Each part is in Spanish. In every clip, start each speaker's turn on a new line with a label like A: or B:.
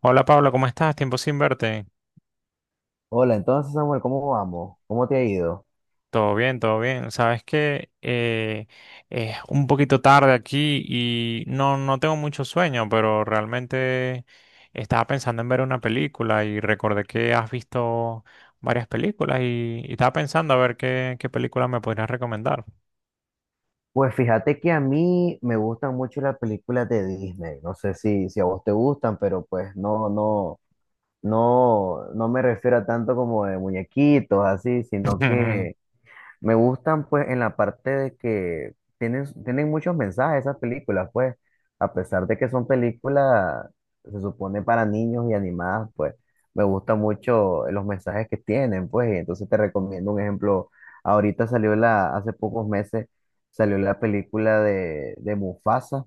A: Hola Pablo, ¿cómo estás? Tiempo sin verte.
B: Hola, entonces Samuel, ¿cómo vamos? ¿Cómo te ha ido?
A: Todo bien, todo bien. Sabes que es un poquito tarde aquí y no tengo mucho sueño, pero realmente estaba pensando en ver una película y recordé que has visto varias películas y estaba pensando a ver qué película me podrías recomendar.
B: Pues fíjate que a mí me gustan mucho las películas de Disney. No sé si a vos te gustan, pero pues no me refiero a tanto como de muñequitos, así, sino que me gustan pues en la parte de que tienen muchos mensajes esas películas, pues a pesar de que son películas, se supone para niños y animadas, pues me gustan mucho los mensajes que tienen, pues y entonces te recomiendo un ejemplo. Ahorita salió la, hace pocos meses salió la película de Mufasa,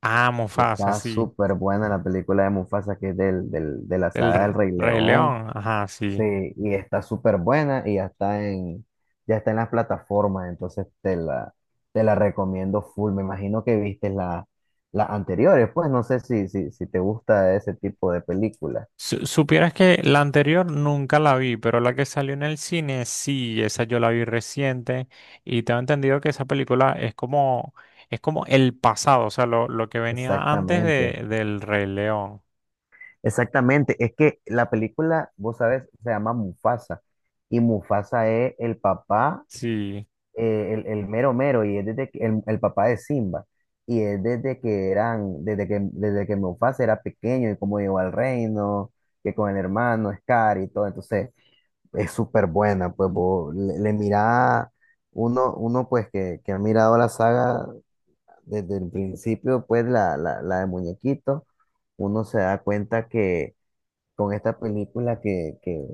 A: Ah,
B: que
A: Mufasa,
B: está
A: sí.
B: súper buena la película de Mufasa, que es de la
A: El
B: saga del
A: R-
B: Rey
A: Rey
B: León.
A: León, ajá,
B: Sí,
A: sí.
B: y está súper buena y ya está en las plataformas, entonces te la recomiendo full. Me imagino que viste las anteriores, pues no sé si te gusta ese tipo de película.
A: Supieras que la anterior nunca la vi, pero la que salió en el cine sí, esa yo la vi reciente y tengo entendido que esa película es como el pasado, o sea, lo que venía antes
B: Exactamente,
A: del Rey León.
B: exactamente. Es que la película, vos sabes, se llama Mufasa y Mufasa es el papá,
A: Sí,
B: el mero mero y es el papá de Simba y es desde que Mufasa era pequeño y cómo llegó al reino que con el hermano Scar y todo, entonces es súper buena, pues vos le mira. Uno pues que ha mirado la saga desde el principio, pues la de muñequito, uno se da cuenta que con esta película que que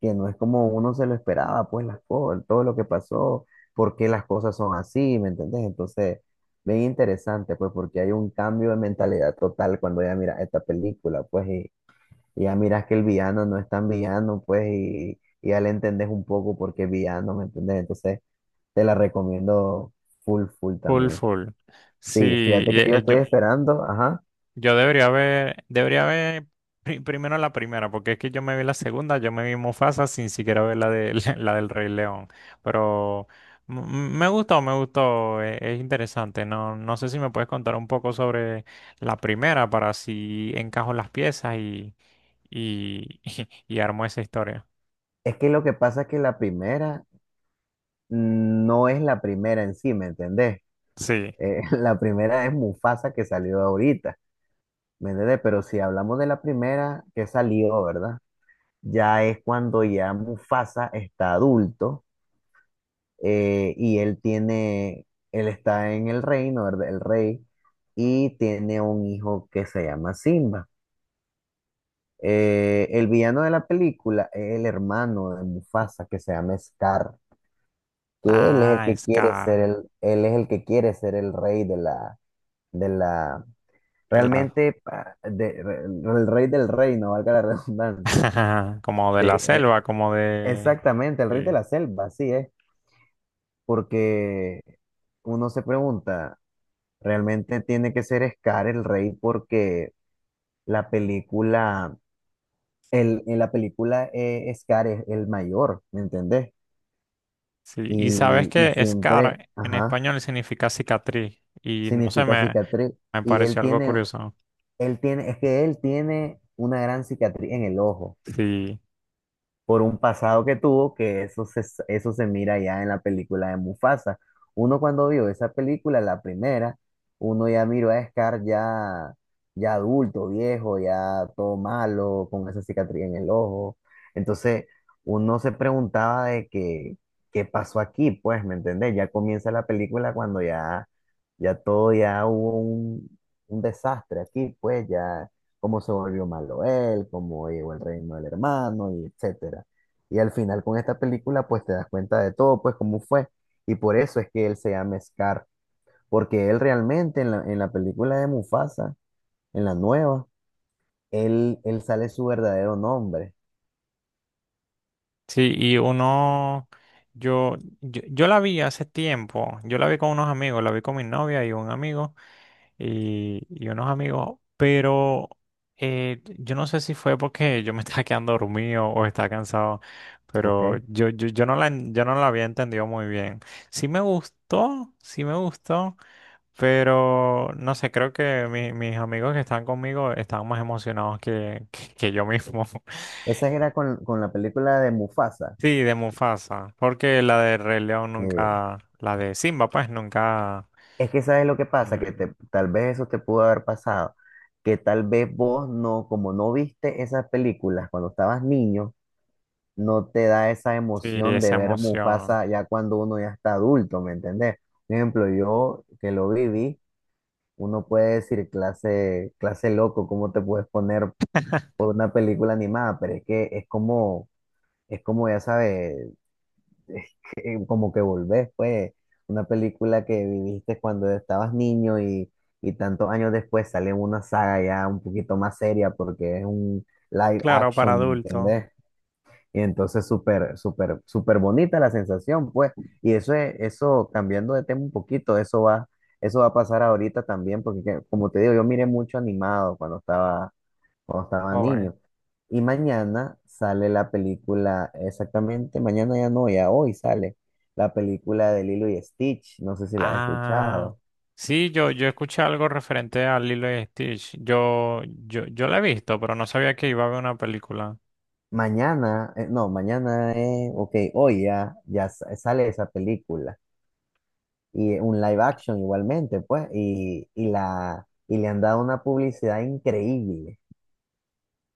B: que no es como uno se lo esperaba, pues las cosas, todo lo que pasó, por qué las cosas son así, ¿me entendés? Entonces, bien interesante, pues porque hay un cambio de mentalidad total cuando ya miras esta película, pues, y ya miras que el villano no es tan villano, pues, y ya le entendés un poco por qué es villano, ¿me entendés? Entonces, te la recomiendo full, full
A: full,
B: también.
A: full. Sí,
B: Sí, fíjate
A: y,
B: que yo
A: eh,
B: estoy
A: yo,
B: esperando, ajá.
A: yo debería ver primero la primera, porque es que yo me vi la segunda, yo me vi Mufasa sin siquiera ver la de la del Rey León. Pero me gustó, me gustó, es interesante. No sé si me puedes contar un poco sobre la primera para si encajo las piezas y, y armo esa historia.
B: Es que lo que pasa es que la primera no es la primera en sí, ¿me entendés?
A: Sí.
B: La primera es Mufasa que salió ahorita, ¿me entiendes? Pero si hablamos de la primera que salió, ¿verdad? Ya es cuando ya Mufasa está adulto, y él tiene, él está en el reino, ¿verdad? El rey, y tiene un hijo que se llama Simba. El villano de la película es el hermano de Mufasa que se llama Scar, que él es el
A: Ah,
B: que quiere ser
A: Scar.
B: el, él es el que quiere ser el rey de la,
A: De la,
B: realmente, el rey del reino, valga la redundancia.
A: como de la
B: De- re-
A: selva, como de.
B: Exactamente, el rey de
A: Sí.
B: la selva, así es. Porque uno se pregunta, ¿realmente tiene que ser Scar el rey? Porque la película, el, en la película, Scar es el mayor, ¿me entendés?
A: Sí, y sabes
B: Y
A: que
B: siempre,
A: scar en
B: ajá,
A: español significa cicatriz y no sé,
B: significa cicatriz.
A: me
B: Y él
A: pareció algo
B: tiene,
A: curioso.
B: es que él tiene una gran cicatriz en el ojo,
A: Sí,
B: por un pasado que tuvo, que eso se mira ya en la película de Mufasa. Uno cuando vio esa película, la primera, uno ya miró a Scar ya, ya adulto, viejo, ya todo malo, con esa cicatriz en el ojo. Entonces, uno se preguntaba de que, qué pasó aquí, pues, ¿me entendés? Ya comienza la película cuando ya, ya todo, ya hubo un, desastre aquí, pues, ya cómo se volvió malo él, cómo llegó el reino del hermano, y etcétera. Y al final con esta película, pues te das cuenta de todo, pues cómo fue. Y por eso es que él se llama Scar, porque él realmente en la película de Mufasa, en la nueva, él sale su verdadero nombre,
A: sí, y yo la vi hace tiempo, yo la vi con unos amigos, la vi con mi novia y un amigo y unos amigos, pero yo no sé si fue porque yo me estaba quedando dormido o estaba cansado,
B: ¿ok?
A: pero yo no yo no la había entendido muy bien. Sí me gustó, sí me gustó. Pero no sé, creo que mis amigos que están conmigo están más emocionados que yo mismo.
B: Esa era con la película de Mufasa.
A: Sí, de Mufasa, porque la de Rey León
B: eh,
A: nunca, la de Simba, pues nunca.
B: es que sabes lo que pasa,
A: La
B: que
A: vez.
B: tal vez eso te pudo haber pasado, que tal vez vos no, como no viste esas películas cuando estabas niño, no te da esa
A: Sí,
B: emoción de
A: esa
B: ver
A: emoción.
B: Mufasa ya cuando uno ya está adulto, ¿me entendés? Por ejemplo, yo que lo viví, uno puede decir clase, clase loco, ¿cómo te puedes poner por una película animada? Pero es que es como ya sabes, es que como que volvés, pues, una película que viviste cuando estabas niño, y tantos años después sale una saga ya un poquito más seria porque es un live
A: Claro, para
B: action, ¿me
A: adultos,
B: entendés? Y entonces súper, súper, súper bonita la sensación, pues. Y eso es, eso, cambiando de tema un poquito, eso va a pasar ahorita también, porque como te digo, yo miré mucho animado cuando estaba
A: joven.
B: niño. Y mañana sale la película, exactamente, mañana ya no, ya hoy sale la película de Lilo y Stitch, no sé si la has
A: Ah,
B: escuchado.
A: sí, yo escuché algo referente a Lilo y Stitch. Yo la he visto, pero no sabía que iba a haber una película.
B: Mañana, no, mañana es, ok, hoy ya, ya sale esa película, y un live action igualmente, pues, y la, y le han dado una publicidad increíble.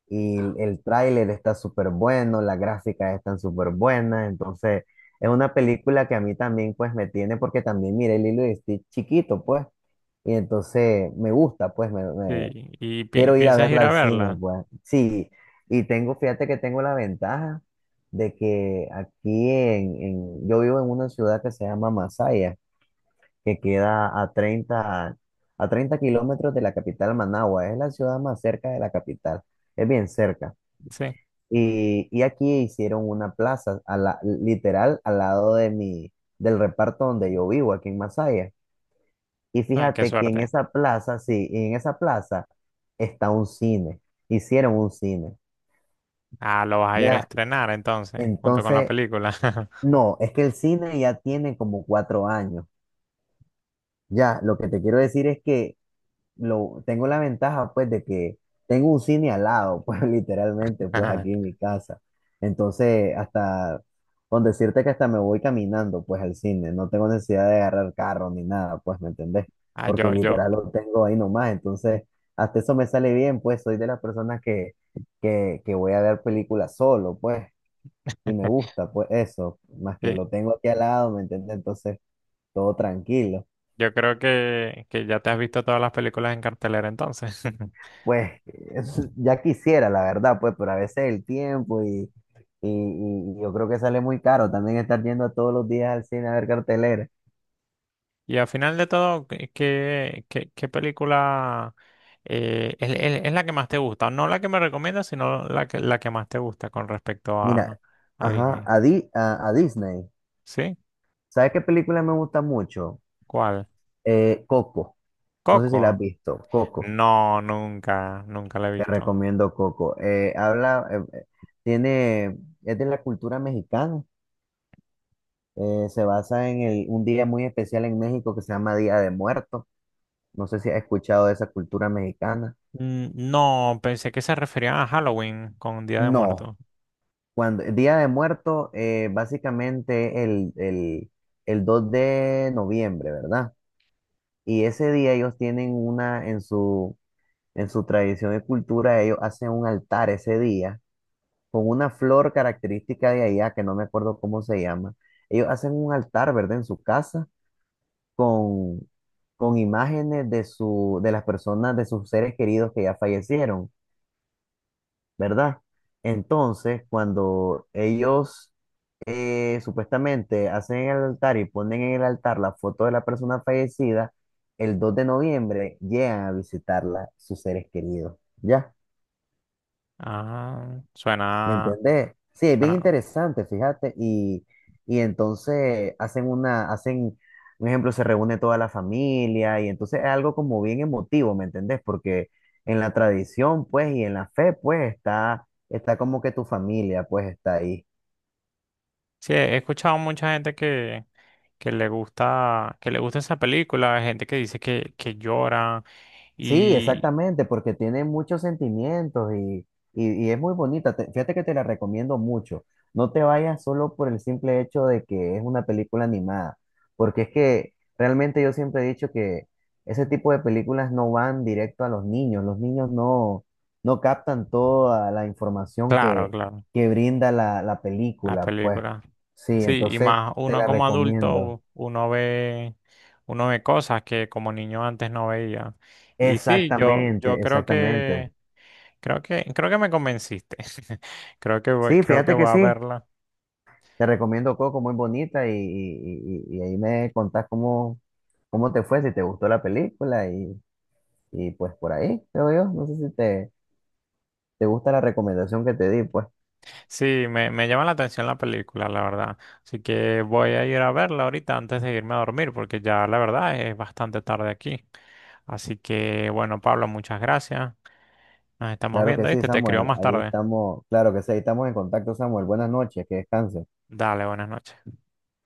B: Y el tráiler está súper bueno, las gráficas están súper buenas, entonces es una película que a mí también, pues, me tiene, porque también miré Lilo y Stitch chiquito, pues, y entonces me gusta, pues, me,
A: Sí, ¿y
B: quiero ir a
A: piensas ir
B: verla
A: a
B: al cine,
A: verla?
B: pues, sí, y tengo, fíjate que tengo la ventaja de que aquí en, yo vivo en una ciudad que se llama Masaya, que queda a treinta kilómetros de la capital Managua. Es la ciudad más cerca de la capital, es bien cerca.
A: Sí.
B: Y aquí hicieron una plaza, a la, literal, al lado de mi, del reparto donde yo vivo, aquí en Masaya. Y
A: Ah, qué
B: fíjate que en
A: suerte.
B: esa plaza, sí, en esa plaza está un cine, hicieron un cine.
A: Ah, lo vas a ir a
B: Ya,
A: estrenar entonces, junto con la
B: entonces,
A: película.
B: no, es que el cine ya tiene como 4 años. Ya, lo que te quiero decir es que tengo la ventaja, pues, de que tengo un cine al lado, pues, literalmente, pues, aquí en mi casa. Entonces, hasta, con decirte que hasta me voy caminando, pues, al cine, no tengo necesidad de agarrar carro ni nada, pues, ¿me entendés?
A: Ah,
B: Porque literal lo tengo ahí nomás, entonces, hasta eso me sale bien, pues, soy de las personas que, que voy a ver películas solo, pues, y me gusta, pues, eso, más que
A: sí,
B: lo tengo aquí al lado, ¿me entendés? Entonces, todo tranquilo.
A: yo creo que ya te has visto todas las películas en cartelera entonces.
B: Pues ya quisiera, la verdad, pues, pero a veces el tiempo y, y, y yo creo que sale muy caro también estar yendo a todos los días al cine a ver cartelera.
A: Y al final de todo, qué película es la que más te gusta? No la que me recomiendas, sino la que más te gusta con respecto
B: Mira,
A: a
B: ajá,
A: Disney.
B: a, a Disney.
A: ¿Sí?
B: ¿Sabes qué película me gusta mucho?
A: ¿Cuál?
B: Coco. No sé si la has
A: ¿Coco?
B: visto. Coco.
A: No, nunca, nunca la he
B: Te
A: visto.
B: recomiendo Coco. Habla, tiene, es de la cultura mexicana. Se basa en el un día muy especial en México que se llama Día de Muertos. No sé si has escuchado de esa cultura mexicana.
A: Mm, no, pensé que se referían a Halloween con Día de
B: No,
A: Muertos.
B: cuando el Día de Muerto, básicamente el, el 2 de noviembre, ¿verdad? Y ese día ellos tienen una, en su, tradición y cultura, ellos hacen un altar ese día con una flor característica de allá, que no me acuerdo cómo se llama. Ellos hacen un altar, ¿verdad? En su casa con, con imágenes de, su, de las personas, de sus seres queridos que ya fallecieron, ¿verdad? Entonces, cuando ellos, supuestamente hacen el altar y ponen en el altar la foto de la persona fallecida, el 2 de noviembre llegan a visitarla sus seres queridos. ¿Ya?
A: Ah,
B: ¿Me
A: suena,
B: entendés? Sí, es bien
A: suena.
B: interesante, fíjate. Y entonces hacen una, hacen, un ejemplo, se reúne toda la familia y entonces es algo como bien emotivo, ¿me entendés? Porque en la tradición, pues, y en la fe, pues, está, está como que tu familia, pues, está ahí.
A: Sí, he escuchado mucha gente que le gusta esa película, hay gente que dice que llora
B: Sí,
A: y
B: exactamente, porque tiene muchos sentimientos, y es muy bonita. Fíjate que te la recomiendo mucho. No te vayas solo por el simple hecho de que es una película animada, porque es que realmente yo siempre he dicho que ese tipo de películas no van directo a los niños. Los niños no captan toda la información
A: claro, claro,
B: que brinda la, la
A: las
B: película. Pues
A: películas.
B: sí,
A: Sí, y
B: entonces
A: más
B: te
A: uno
B: la
A: como
B: recomiendo.
A: adulto, uno ve cosas que como niño antes no veía. Y sí, yo, yo
B: Exactamente,
A: creo
B: exactamente.
A: que, creo que, creo que me convenciste.
B: Sí,
A: Creo que
B: fíjate que
A: voy a
B: sí.
A: verla.
B: Te recomiendo Coco, muy bonita, y ahí me contás cómo, cómo te fue, si te gustó la película y pues por ahí, creo yo. No sé si te, te gusta la recomendación que te di, pues
A: Sí, me llama la atención la película, la verdad. Así que voy a ir a verla ahorita antes de irme a dormir, porque ya la verdad es bastante tarde aquí. Así que, bueno, Pablo, muchas gracias. Nos estamos
B: claro
A: viendo,
B: que sí,
A: ¿viste? Te escribo
B: Samuel,
A: más
B: ahí
A: tarde.
B: estamos, claro que sí, ahí estamos en contacto, Samuel. Buenas noches, que descanses.
A: Dale, buenas noches.